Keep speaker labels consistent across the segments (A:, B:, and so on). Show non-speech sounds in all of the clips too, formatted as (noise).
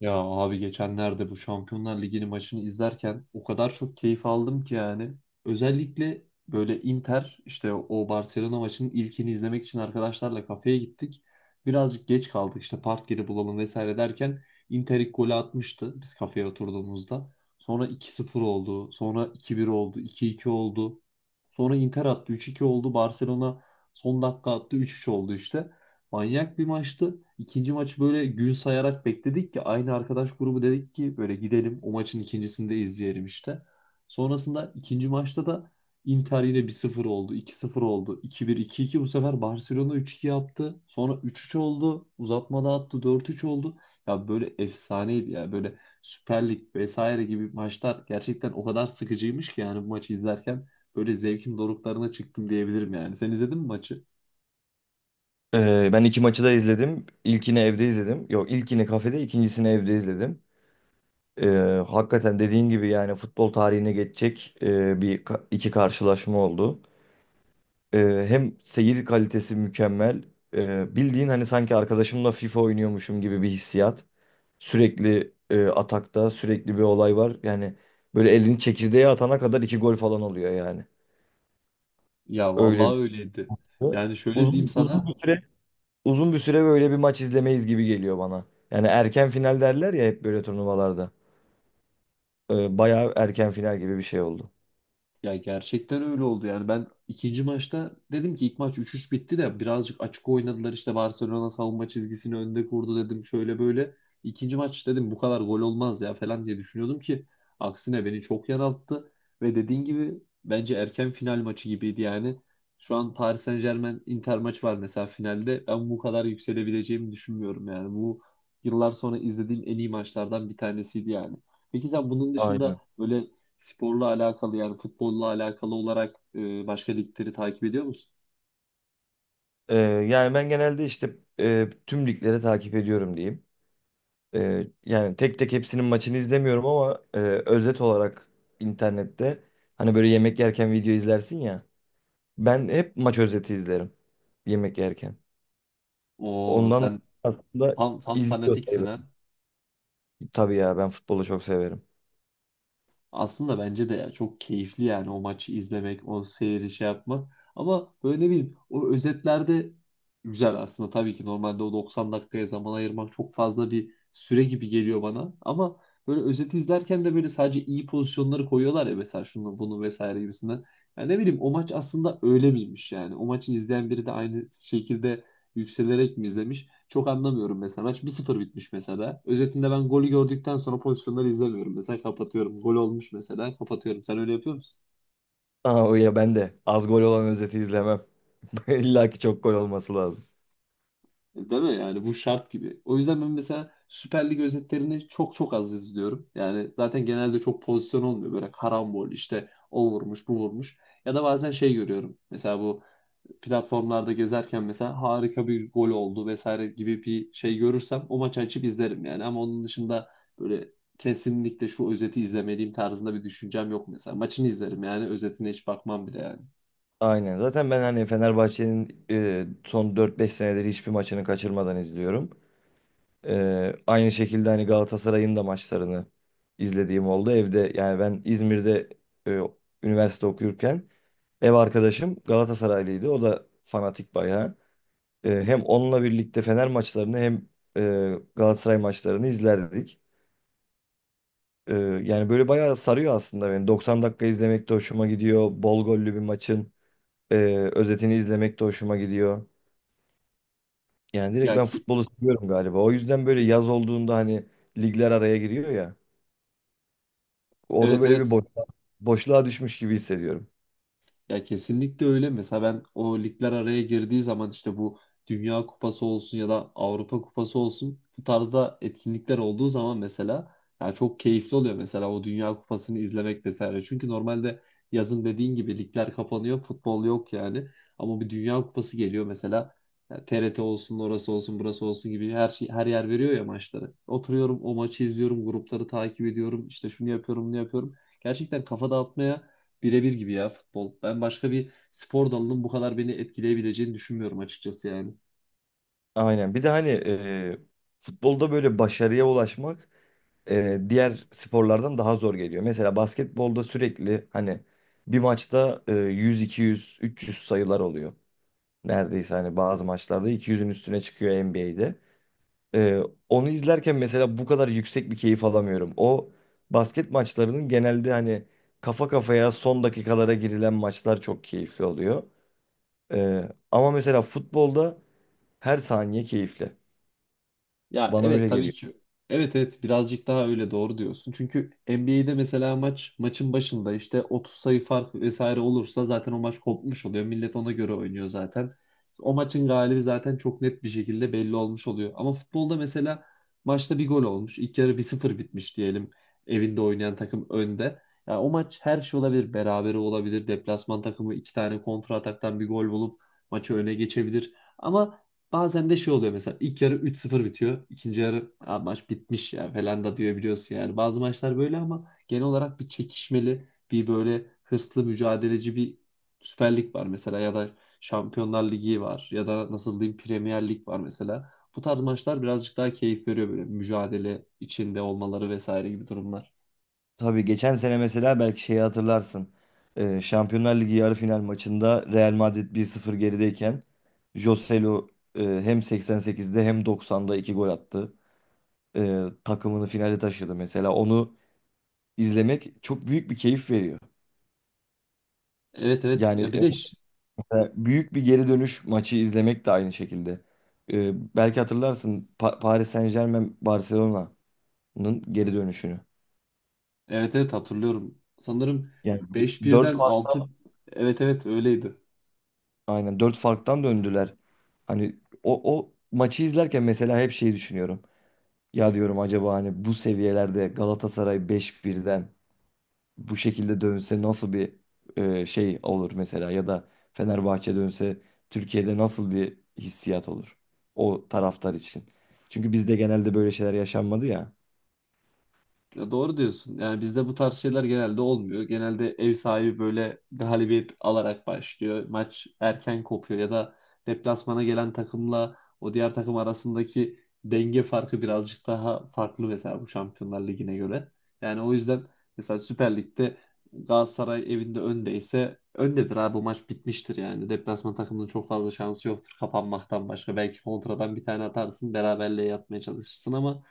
A: Ya abi, geçenlerde bu Şampiyonlar Ligi'nin maçını izlerken o kadar çok keyif aldım ki, yani. Özellikle böyle Inter işte o Barcelona maçının ilkini izlemek için arkadaşlarla kafeye gittik. Birazcık geç kaldık, işte park yeri bulalım vesaire derken Inter ilk golü atmıştı biz kafeye oturduğumuzda. Sonra iki sıfır oldu, sonra 2-1 oldu, 2-2 oldu. Sonra Inter attı 3-2 oldu, Barcelona son dakika attı 3-3 oldu işte. Manyak bir maçtı. İkinci maçı böyle gün sayarak bekledik ki aynı arkadaş grubu dedik ki böyle gidelim o maçın ikincisini de izleyelim işte. Sonrasında ikinci maçta da Inter yine 1-0 oldu, 2-0 oldu, 2-1, 2-2, bu sefer Barcelona 3-2 yaptı. Sonra 3-3 oldu, uzatmada attı 4-3 oldu. Ya böyle efsaneydi, ya böyle Süper Lig vesaire gibi maçlar gerçekten o kadar sıkıcıymış ki, yani bu maçı izlerken böyle zevkin doruklarına çıktım diyebilirim yani. Sen izledin mi maçı?
B: Ben iki maçı da izledim. İlkini evde izledim. Yok, ilkini kafede, ikincisini evde izledim. Ee, Hakikaten dediğin gibi, yani futbol tarihine geçecek iki karşılaşma oldu. Hem seyir kalitesi mükemmel. Bildiğin hani, sanki arkadaşımla FIFA oynuyormuşum gibi bir hissiyat. Sürekli atakta, sürekli bir olay var. Yani böyle elini çekirdeğe atana kadar iki gol falan oluyor yani.
A: Ya
B: Öyle bir
A: vallahi öyleydi.
B: şey.
A: Yani şöyle diyeyim
B: uzun uzun
A: sana.
B: bir süre Uzun bir süre böyle bir maç izlemeyiz gibi geliyor bana. Yani erken final derler ya hep böyle turnuvalarda. Bayağı erken final gibi bir şey oldu.
A: Ya gerçekten öyle oldu yani. Ben ikinci maçta dedim ki ilk maç 3-3 bitti de birazcık açık oynadılar işte, Barcelona savunma çizgisini önde kurdu, dedim şöyle böyle. İkinci maç dedim bu kadar gol olmaz ya falan diye düşünüyordum ki aksine beni çok yanılttı ve dediğin gibi bence erken final maçı gibiydi yani. Şu an Paris Saint-Germain Inter maç var mesela finalde, ben bu kadar yükselebileceğimi düşünmüyorum yani. Bu yıllar sonra izlediğim en iyi maçlardan bir tanesiydi yani. Peki sen bunun dışında
B: Aynen.
A: böyle sporla alakalı, yani futbolla alakalı olarak başka ligleri takip ediyor musun?
B: Ee, Yani ben genelde işte tüm ligleri takip ediyorum diyeyim. Yani tek tek hepsinin maçını izlemiyorum, ama özet olarak internette, hani böyle yemek yerken video izlersin ya. Ben hep maç özeti izlerim yemek yerken.
A: Oo
B: Ondan
A: sen
B: aslında
A: tam, tam
B: izliyor
A: fanatiksin ha.
B: sayılırım. Tabii ya, ben futbolu çok severim.
A: Aslında bence de ya, çok keyifli yani o maçı izlemek, o seyri şey yapmak. Ama böyle ne bileyim o özetlerde güzel aslında. Tabii ki normalde o 90 dakikaya zaman ayırmak çok fazla bir süre gibi geliyor bana. Ama böyle özeti izlerken de böyle sadece iyi pozisyonları koyuyorlar ya, mesela şunu bunu vesaire gibisinden. Yani ne bileyim o maç aslında öyle miymiş yani. O maçı izleyen biri de aynı şekilde yükselerek mi izlemiş? Çok anlamıyorum mesela. Maç 1-0 bitmiş mesela. Özetinde ben golü gördükten sonra pozisyonları izlemiyorum. Mesela kapatıyorum. Gol olmuş mesela. Kapatıyorum. Sen öyle yapıyor musun?
B: Aa, o ya ben de az gol olan özeti izlemem. (laughs) İlla ki çok gol olması lazım.
A: Değil mi? Yani bu şart gibi. O yüzden ben mesela Süper Lig özetlerini çok çok az izliyorum. Yani zaten genelde çok pozisyon olmuyor. Böyle karambol işte, o vurmuş bu vurmuş. Ya da bazen şey görüyorum. Mesela bu platformlarda gezerken mesela harika bir gol oldu vesaire gibi bir şey görürsem o maçı açıp izlerim yani. Ama onun dışında böyle kesinlikle şu özeti izlemeliyim tarzında bir düşüncem yok mesela. Maçını izlerim yani, özetine hiç bakmam bile yani.
B: Aynen. Zaten ben hani Fenerbahçe'nin son dört beş senedir hiçbir maçını kaçırmadan izliyorum. Aynı şekilde hani Galatasaray'ın da maçlarını izlediğim oldu. Evde, yani ben İzmir'de e, üniversite okuyurken ev arkadaşım Galatasaraylıydı. O da fanatik bayağı. Hem onunla birlikte Fener maçlarını hem Galatasaray maçlarını izlerdik. E, Yani böyle bayağı sarıyor aslında beni. 90 dakika izlemek de hoşuma gidiyor. Bol gollü bir maçın. Ee, Özetini izlemek de hoşuma gidiyor. Yani direkt
A: Ya
B: ben
A: ki
B: futbolu seviyorum galiba. O yüzden böyle yaz olduğunda hani ligler araya giriyor ya. Orada
A: Evet,
B: böyle
A: evet.
B: bir boşluğa düşmüş gibi hissediyorum.
A: Ya kesinlikle öyle. Mesela ben o ligler araya girdiği zaman işte bu Dünya Kupası olsun ya da Avrupa Kupası olsun bu tarzda etkinlikler olduğu zaman mesela ya çok keyifli oluyor mesela o Dünya Kupası'nı izlemek vesaire. Çünkü normalde yazın dediğin gibi ligler kapanıyor, futbol yok yani. Ama bir Dünya Kupası geliyor mesela, ya TRT olsun, orası olsun, burası olsun gibi her şey her yer veriyor ya maçları. Oturuyorum o maçı izliyorum, grupları takip ediyorum, işte şunu yapıyorum, bunu yapıyorum. Gerçekten kafa dağıtmaya birebir gibi ya futbol. Ben başka bir spor dalının bu kadar beni etkileyebileceğini düşünmüyorum açıkçası yani.
B: Aynen. Bir de hani futbolda böyle başarıya ulaşmak diğer sporlardan daha zor geliyor. Mesela basketbolda sürekli hani bir maçta 100, 200, 300 sayılar oluyor. Neredeyse hani bazı maçlarda 200'ün üstüne çıkıyor NBA'de. Onu izlerken mesela bu kadar yüksek bir keyif alamıyorum. O basket maçlarının genelde hani kafa kafaya son dakikalara girilen maçlar çok keyifli oluyor. E, Ama mesela futbolda her saniye keyifli.
A: Ya
B: Bana
A: evet
B: öyle
A: tabii
B: geliyor.
A: ki. Evet, evet, birazcık daha öyle, doğru diyorsun. Çünkü NBA'de mesela maç maçın başında işte 30 sayı fark vesaire olursa zaten o maç kopmuş oluyor. Millet ona göre oynuyor zaten. O maçın galibi zaten çok net bir şekilde belli olmuş oluyor. Ama futbolda mesela maçta bir gol olmuş. İlk yarı 1-0 bitmiş diyelim. Evinde oynayan takım önde. Ya o maç her şey olabilir. Berabere olabilir. Deplasman takımı iki tane kontra ataktan bir gol bulup maçı öne geçebilir. Ama bazen de şey oluyor mesela ilk yarı 3-0 bitiyor. İkinci yarı, "Aa, maç bitmiş ya" falan da diyor, biliyorsun yani. Bazı maçlar böyle ama genel olarak bir çekişmeli, bir böyle hırslı, mücadeleci bir Süper Lig var mesela, ya da Şampiyonlar Ligi var, ya da nasıl diyeyim Premier Lig var mesela. Bu tarz maçlar birazcık daha keyif veriyor, böyle mücadele içinde olmaları vesaire gibi durumlar.
B: Tabii geçen sene mesela belki şeyi hatırlarsın. Şampiyonlar Ligi yarı final maçında Real Madrid bir sıfır gerideyken Joselu hem 88'de hem 90'da 2 gol attı. Takımını finale taşıdı mesela. Onu izlemek çok büyük bir keyif veriyor.
A: Evet, evet,
B: Yani
A: ya bir de
B: mesela büyük bir geri dönüş maçı izlemek de aynı şekilde. Belki hatırlarsın Paris Saint-Germain Barcelona'nın geri dönüşünü.
A: evet, evet, hatırlıyorum. Sanırım
B: Yani
A: beş
B: 4.
A: birden altı, evet evet öyleydi.
B: Aynen, dört farktan döndüler. Hani o maçı izlerken mesela hep şeyi düşünüyorum. Ya diyorum, acaba hani bu seviyelerde Galatasaray beş birden bu şekilde dönse nasıl bir şey olur mesela, ya da Fenerbahçe dönse Türkiye'de nasıl bir hissiyat olur o taraftar için? Çünkü bizde genelde böyle şeyler yaşanmadı ya.
A: Ya doğru diyorsun. Yani bizde bu tarz şeyler genelde olmuyor. Genelde ev sahibi böyle galibiyet alarak başlıyor. Maç erken kopuyor ya da deplasmana gelen takımla o diğer takım arasındaki denge farkı birazcık daha farklı mesela bu Şampiyonlar Ligi'ne göre. Yani o yüzden mesela Süper Lig'de Galatasaray evinde öndeyse öndedir abi, bu maç bitmiştir yani. Deplasman takımının çok fazla şansı yoktur kapanmaktan başka. Belki kontradan bir tane atarsın beraberliğe yatmaya çalışırsın ama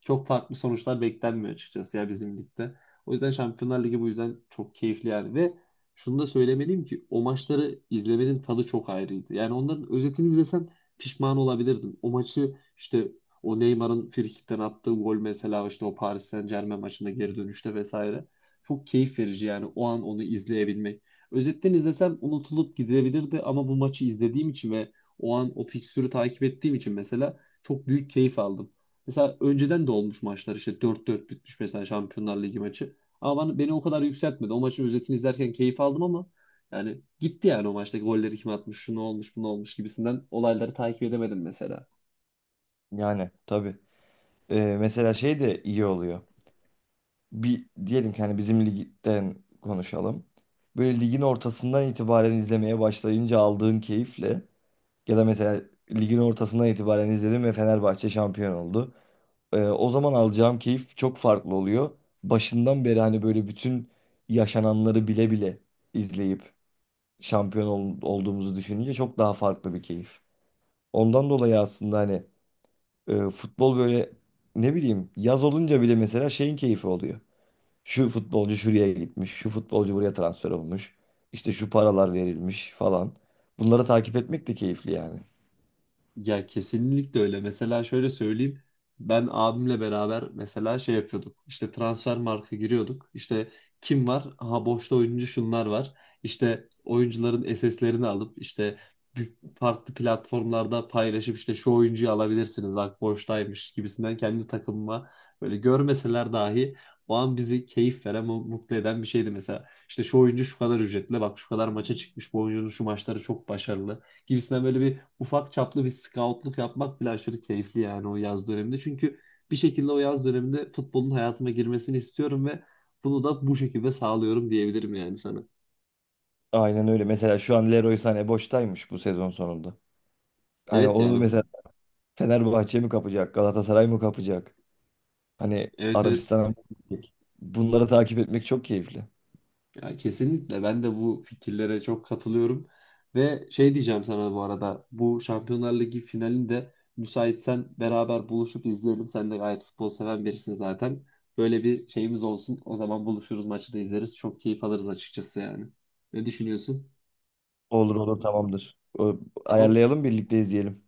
A: çok farklı sonuçlar beklenmiyor açıkçası ya bizim ligde. O yüzden Şampiyonlar Ligi bu yüzden çok keyifli yani. Ve şunu da söylemeliyim ki o maçları izlemenin tadı çok ayrıydı. Yani onların özetini izlesem pişman olabilirdim. O maçı işte, o Neymar'ın frikikten attığı gol mesela, işte o Paris Saint-Germain maçında geri dönüşte vesaire, çok keyif verici yani o an onu izleyebilmek. Özetten izlesem unutulup gidebilirdi ama bu maçı izlediğim için ve o an o fikstürü takip ettiğim için mesela çok büyük keyif aldım. Mesela önceden de olmuş maçlar, işte 4-4 bitmiş mesela Şampiyonlar Ligi maçı. Ama beni o kadar yükseltmedi. O maçın özetini izlerken keyif aldım ama yani gitti yani, o maçtaki golleri kim atmış, şu ne olmuş, bu ne olmuş gibisinden olayları takip edemedim mesela.
B: Yani tabii. Mesela şey de iyi oluyor. Bir diyelim ki hani bizim ligden konuşalım. Böyle ligin ortasından itibaren izlemeye başlayınca aldığın keyifle, ya da mesela ligin ortasından itibaren izledim ve Fenerbahçe şampiyon oldu. O zaman alacağım keyif çok farklı oluyor. Başından beri hani böyle bütün yaşananları bile bile izleyip şampiyon olduğumuzu düşününce çok daha farklı bir keyif. Ondan dolayı aslında hani futbol böyle, ne bileyim, yaz olunca bile mesela şeyin keyfi oluyor. Şu futbolcu şuraya gitmiş, şu futbolcu buraya transfer olmuş. İşte şu paralar verilmiş falan. Bunları takip etmek de keyifli yani.
A: Ya kesinlikle öyle. Mesela şöyle söyleyeyim. Ben abimle beraber mesela şey yapıyorduk. İşte transfer marka giriyorduk. İşte kim var? Aha, boşta oyuncu şunlar var. İşte oyuncuların SS'lerini alıp işte farklı platformlarda paylaşıp, işte şu oyuncuyu alabilirsiniz, bak boştaymış gibisinden kendi takımıma, böyle görmeseler dahi o an bizi keyif veren, mutlu eden bir şeydi mesela. İşte şu oyuncu şu kadar ücretli, bak şu kadar maça çıkmış, bu oyuncunun şu maçları çok başarılı gibisinden böyle bir ufak çaplı bir scoutluk yapmak bile aşırı keyifli yani o yaz döneminde. Çünkü bir şekilde o yaz döneminde futbolun hayatıma girmesini istiyorum ve bunu da bu şekilde sağlıyorum diyebilirim yani sana.
B: Aynen öyle. Mesela şu an Leroy Sané boştaymış bu sezon sonunda. Hani
A: Evet
B: onu
A: yani bu,
B: mesela Fenerbahçe mi kapacak, Galatasaray mı kapacak? Hani
A: evet, evet,
B: Arabistan'a gittik. Bunları takip etmek çok keyifli.
A: ya kesinlikle ben de bu fikirlere çok katılıyorum. Ve şey diyeceğim sana bu arada, bu Şampiyonlar Ligi finalinde müsaitsen beraber buluşup izleyelim. Sen de gayet futbol seven birisin zaten. Böyle bir şeyimiz olsun. O zaman buluşuruz, maçı da izleriz. Çok keyif alırız açıkçası yani. Ne düşünüyorsun?
B: Olur olur, tamamdır.
A: Tamam.
B: Ayarlayalım, birlikte izleyelim.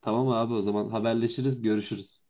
A: Tamam abi, o zaman haberleşiriz, görüşürüz.